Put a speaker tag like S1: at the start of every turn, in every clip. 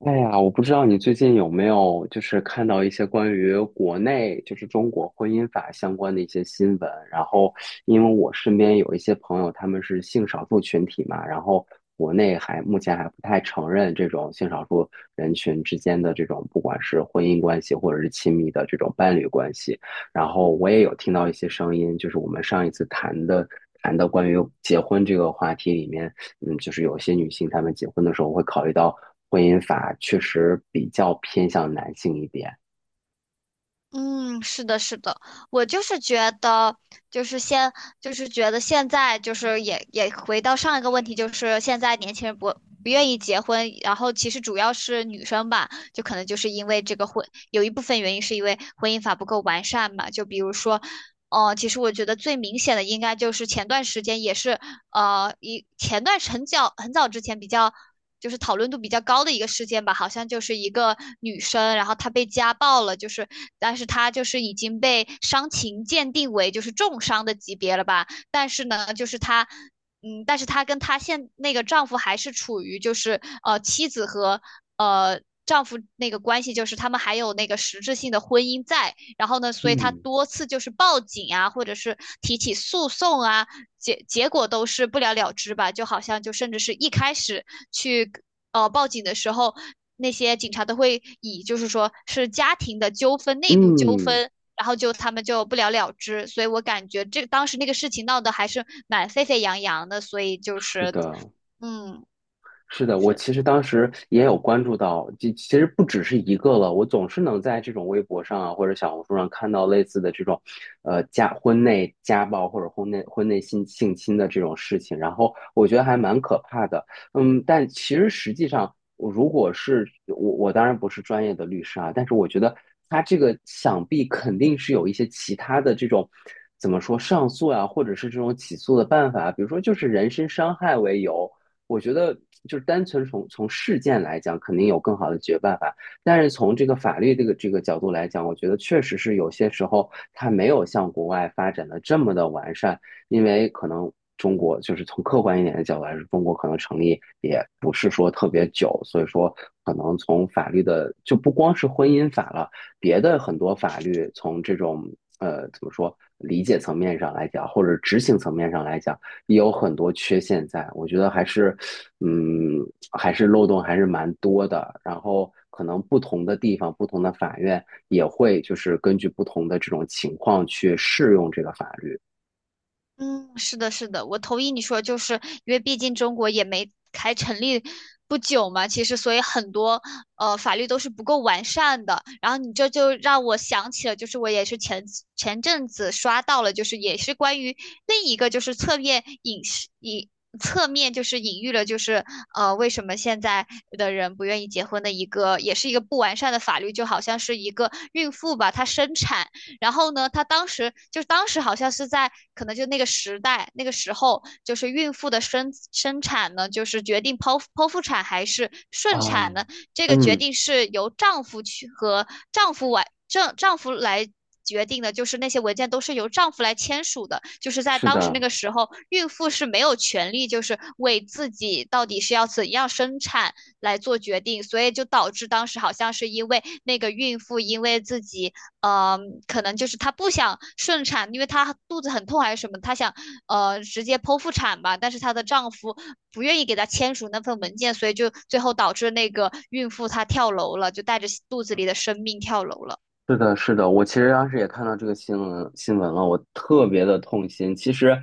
S1: 哎呀，我不知道你最近有没有看到一些关于国内中国婚姻法相关的一些新闻。然后，因为我身边有一些朋友，他们是性少数群体嘛，然后国内目前还不太承认这种性少数人群之间的这种不管是婚姻关系或者是亲密的这种伴侣关系。然后我也有听到一些声音，就是我们上一次谈的关于结婚这个话题里面。嗯，就是有些女性她们结婚的时候会考虑到婚姻法确实比较偏向男性一点。
S2: 嗯，是的，是的，我就是觉得，就是现，就是觉得现在，就是也回到上一个问题，就是现在年轻人不愿意结婚。然后其实主要是女生吧，就可能就是因为这个婚，有一部分原因是因为婚姻法不够完善嘛。就比如说，哦，其实我觉得最明显的应该就是前段时间也是。呃，一前段很早很早之前比较。就是讨论度比较高的一个事件吧，好像就是一个女生，然后她被家暴了，就是，但是她就是已经被伤情鉴定为就是重伤的级别了吧。但是呢，就是她，嗯，但是她跟她那个丈夫还是处于就是妻子和呃。丈夫那个关系。就是他们还有那个实质性的婚姻在。然后呢，所以她
S1: 嗯，
S2: 多次就是报警啊，或者是提起诉讼啊，结果都是不了了之吧。就好像就甚至是一开始去报警的时候，那些警察都会以就是说是家庭的纠纷、内部纠
S1: 嗯，
S2: 纷，然后就他们就不了了之。所以我感觉这当时那个事情闹得还是蛮沸沸扬扬的。所以就
S1: 是
S2: 是
S1: 的，
S2: 嗯。
S1: 是的，我
S2: 是。
S1: 其实当时也有关注到，其实不只是一个了，我总是能在这种微博上啊或者小红书上看到类似的这种，婚内家暴或者婚内性侵的这种事情，然后我觉得还蛮可怕的。嗯，但其实实际上，如果是我,我当然不是专业的律师啊，但是我觉得他这个想必肯定是有一些其他的这种。怎么说上诉啊，或者是这种起诉的办法，比如说就是人身伤害为由，我觉得就是单纯从事件来讲，肯定有更好的解决办法。但是从这个法律这个角度来讲，我觉得确实是有些时候它没有像国外发展的这么的完善，因为可能中国就是从客观一点的角度来说，中国可能成立也不是说特别久，所以说可能从法律的就不光是婚姻法了，别的很多法律从这种怎么说理解层面上来讲，或者执行层面上来讲。也有很多缺陷在，我觉得还是，嗯，还是漏洞还是蛮多的。然后可能不同的地方、不同的法院也会就是根据不同的这种情况去适用这个法律。
S2: 嗯，是的，是的，我同意你说，就是因为毕竟中国也没才成立不久嘛。其实所以很多法律都是不够完善的。然后你这就让我想起了，就是我也是前阵子刷到了，就是也是关于另一个就是侧面就是隐喻了，就是为什么现在的人不愿意结婚的一个，也是一个不完善的法律。就好像是一个孕妇吧，她生产。然后呢，她当时好像是在可能就那个时代那个时候，就是孕妇的生产呢，就是决定剖腹产还是顺
S1: 啊，
S2: 产呢，这个决
S1: 嗯，
S2: 定是由丈夫去和丈夫完丈丈夫来。决定的。就是那些文件都是由丈夫来签署的，就是在
S1: 是
S2: 当时
S1: 的，
S2: 那个时候，孕妇是没有权利就是为自己到底是要怎样生产来做决定。所以就导致当时好像是因为那个孕妇因为自己呃，可能就是她不想顺产，因为她肚子很痛还是什么。她想直接剖腹产吧，但是她的丈夫不愿意给她签署那份文件。所以就最后导致那个孕妇她跳楼了，就带着肚子里的生命跳楼了。
S1: 是的，是的，我其实当时也看到这个新闻了，我特别的痛心。其实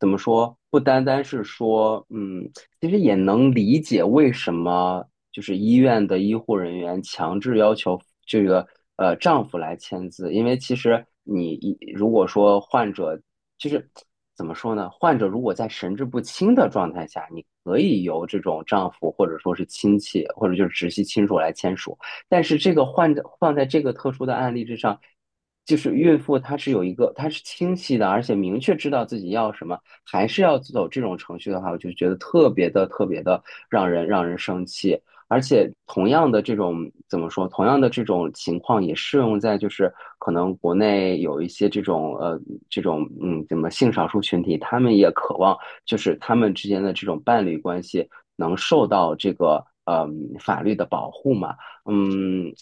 S1: 怎么说，不单单是说，嗯，其实也能理解为什么就是医院的医护人员强制要求这个丈夫来签字，因为其实如果说患者就是怎么说呢，患者如果在神志不清的状态下，你可以由这种丈夫或者说是亲戚或者就是直系亲属来签署。但是这个换着放在这个特殊的案例之上，就是孕妇她是有一个，她是清晰的，而且明确知道自己要什么，还是要走这种程序的话，我就觉得特别的特别的让人生气。而且同样的这种怎么说，同样的这种情况也适用在就是可能国内有一些这种这种怎么性少数群体，他们也渴望就是他们之间的这种伴侣关系能受到这个法律的保护嘛。嗯，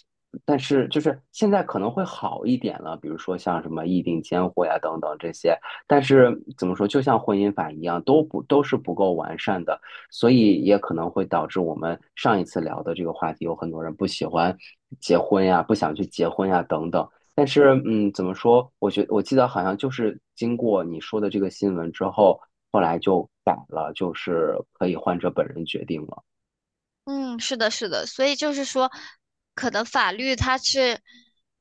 S1: 但是就是现在可能会好一点了，比如说像什么议定监护呀等等这些，但是怎么说，就像婚姻法一样，都是不够完善的，所以也可能会导致我们上一次聊的这个话题，有很多人不喜欢结婚呀，不想去结婚呀等等。但是，嗯，怎么说？我记得好像就是经过你说的这个新闻之后，后来就改了，就是可以患者本人决定了。
S2: 嗯，是的，是的，所以就是说，可能法律它是，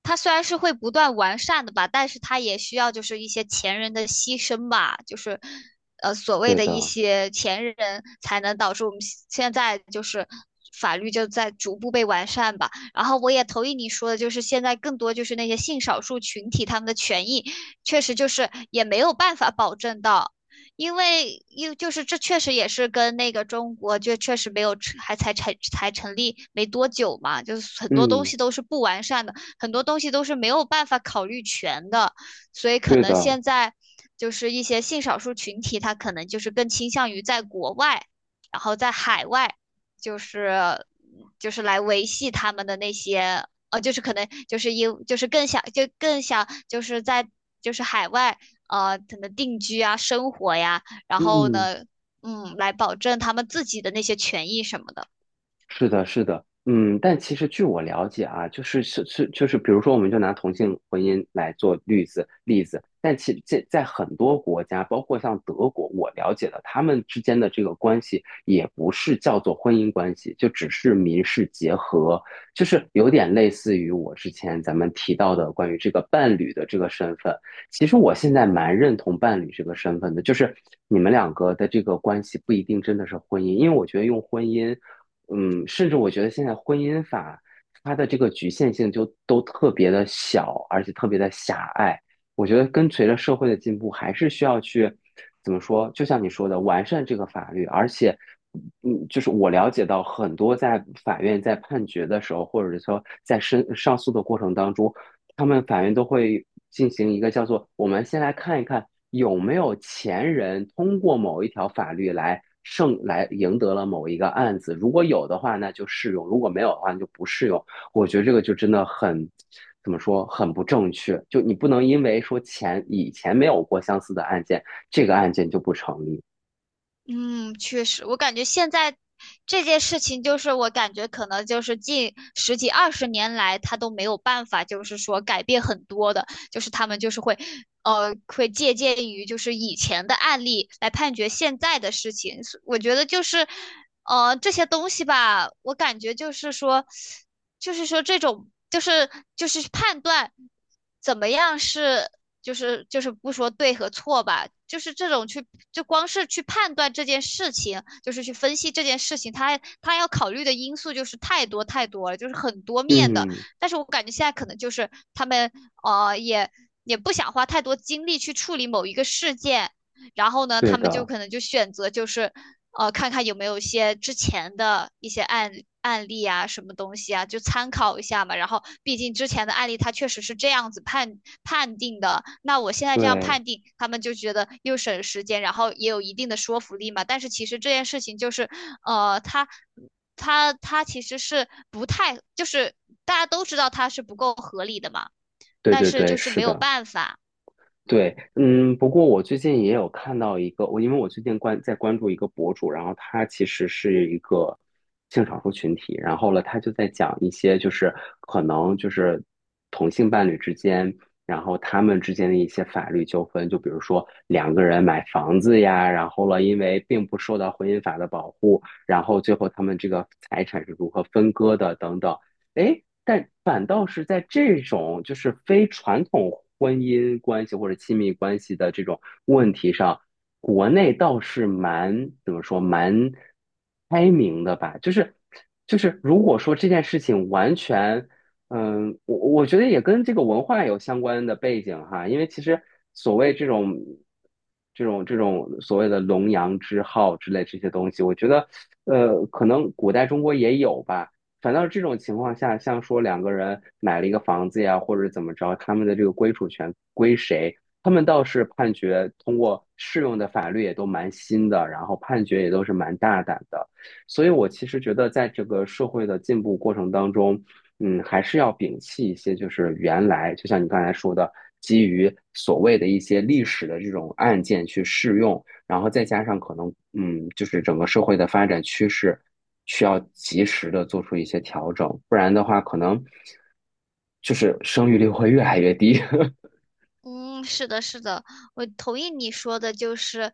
S2: 它虽然是会不断完善的吧，但是它也需要就是一些前人的牺牲吧。就是，所谓
S1: 对
S2: 的一
S1: 的，
S2: 些前人才能导致我们现在就是法律就在逐步被完善吧。然后我也同意你说的，就是现在更多就是那些性少数群体他们的权益，确实就是也没有办法保证到。因为就是这确实也是跟那个中国就确实没有成还才成才成立没多久嘛。就是很多东
S1: 嗯，
S2: 西都是不完善的，很多东西都是没有办法考虑全的。所以可
S1: 对
S2: 能
S1: 的。
S2: 现在就是一些性少数群体，他可能就是更倾向于在国外，然后在海外，就是来维系他们的那些。就是可能就是因就是更想就更想就是在就是海外，可能定居啊、生活呀。然后
S1: 嗯，
S2: 呢，嗯，来保证他们自己的那些权益什么的。
S1: 是的，是的，嗯，但其实据我了解啊，就是，比如说，我们就拿同性婚姻来做例子，但其这在很多国家，包括像德国，我了解的，他们之间的这个关系也不是叫做婚姻关系，就只是民事结合，就是有点类似于我之前咱们提到的关于这个伴侣的这个身份。其实我现在蛮认同伴侣这个身份的，就是你们两个的这个关系不一定真的是婚姻，因为我觉得用婚姻。嗯，甚至我觉得现在婚姻法它的这个局限性都特别的小，而且特别的狭隘。我觉得跟随着社会的进步，还是需要去怎么说？就像你说的，完善这个法律。而且，嗯，就是我了解到很多在法院在判决的时候，或者说在上诉的过程当中，他们法院都会进行一个叫做“我们先来看一看有没有前人通过某一条法律来赢得了某一个案子，如果有的话，那就适用；如果没有的话，那就不适用。”我觉得这个就真的很怎么说，很不正确。就你不能因为说以前没有过相似的案件，这个案件就不成立。
S2: 嗯，确实，我感觉现在这件事情，就是我感觉可能就是近十几二十年来，他都没有办法，就是说改变很多的。就是他们就是会，会借鉴于就是以前的案例来判决现在的事情。所我觉得就是，这些东西吧，我感觉就是说，这种就是判断怎么样是。就是不说对和错吧，就是这种去就光是去判断这件事情，就是去分析这件事情，他要考虑的因素就是太多太多了，就是很多面的。
S1: 嗯，
S2: 但是我感觉现在可能就是他们呃也也不想花太多精力去处理某一个事件。然后呢，
S1: 对
S2: 他们就
S1: 的，
S2: 可能就选择就是看看有没有一些之前的一些案例啊，什么东西啊，就参考一下嘛。然后毕竟之前的案例它确实是这样子判定的，那我现在这样
S1: 对，
S2: 判定，他们就觉得又省时间，然后也有一定的说服力嘛。但是其实这件事情就是呃，他。他其实是不太，就是大家都知道他是不够合理的嘛。
S1: 对
S2: 但
S1: 对
S2: 是
S1: 对，
S2: 就是
S1: 是
S2: 没有
S1: 的。
S2: 办法，
S1: 对，嗯，不过我最近也有看到一个，我因为我最近关注一个博主，然后他其实是一个性少数群体，然后他就在讲一些就是可能就是同性伴侣之间，然后他们之间的一些法律纠纷，就比如说两个人买房子呀，然后因为并不受到婚姻法的保护，然后最后他们这个财产是如何分割的等等，诶，但反倒是在这种就是非传统婚姻关系或者亲密关系的这种问题上，国内倒是蛮怎么说蛮开明的吧？就是就是如果说这件事情完全，嗯，我我觉得也跟这个文化有相关的背景哈，因为其实所谓这种这种所谓的龙阳之好之类这些东西，我觉得可能古代中国也有吧。反倒是这种情况下，像说两个人买了一个房子呀，或者怎么着，他们的这个归属权归谁？他们倒是判决通过适用的法律也都蛮新的，然后判决也都是蛮大胆的。所以我其实觉得，在这个社会的进步过程当中，嗯，还是要摒弃一些就是原来，就像你刚才说的，基于所谓的一些历史的这种案件去适用，然后再加上可能，嗯，就是整个社会的发展趋势需要及时的做出一些调整，不然的话，可能就是生育率会越来越低。
S2: 嗯，是的，是的，我同意你说的，就是，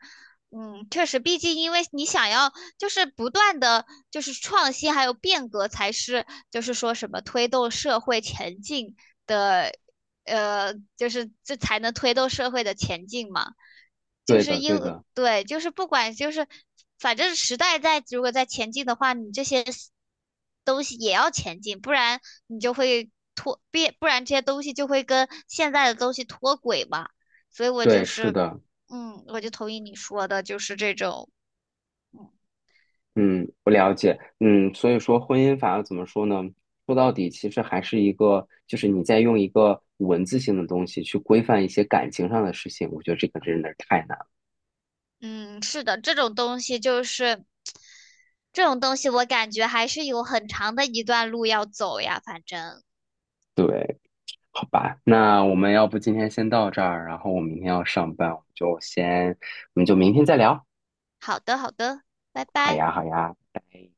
S2: 嗯，确实，毕竟因为你想要就是不断的就是创新还有变革，才是就是说什么推动社会前进的，就是这才能推动社会的前进嘛。就
S1: 对
S2: 是
S1: 的，对
S2: 因为
S1: 的，
S2: 对，就是不管就是反正时代在如果在前进的话，你这些 东西也要前进。不然你就会脱变，不然这些东西就会跟现在的东西脱轨嘛。所以我
S1: 对，
S2: 就
S1: 是
S2: 是，
S1: 的，
S2: 嗯，我就同意你说的，就是这种，嗯，
S1: 嗯，我了解，嗯，所以说婚姻法怎么说呢？说到底，其实还是一个，就是你在用一个文字性的东西去规范一些感情上的事情，我觉得这个真的是太难了。
S2: 嗯是的，这种东西就是这种东西，我感觉还是有很长的一段路要走呀。反正
S1: 对。好吧，那我们要不今天先到这儿，然后我明天要上班，我们就先，我们就明天再聊。
S2: 好的，好的，拜
S1: 好
S2: 拜。
S1: 呀，好呀，拜拜。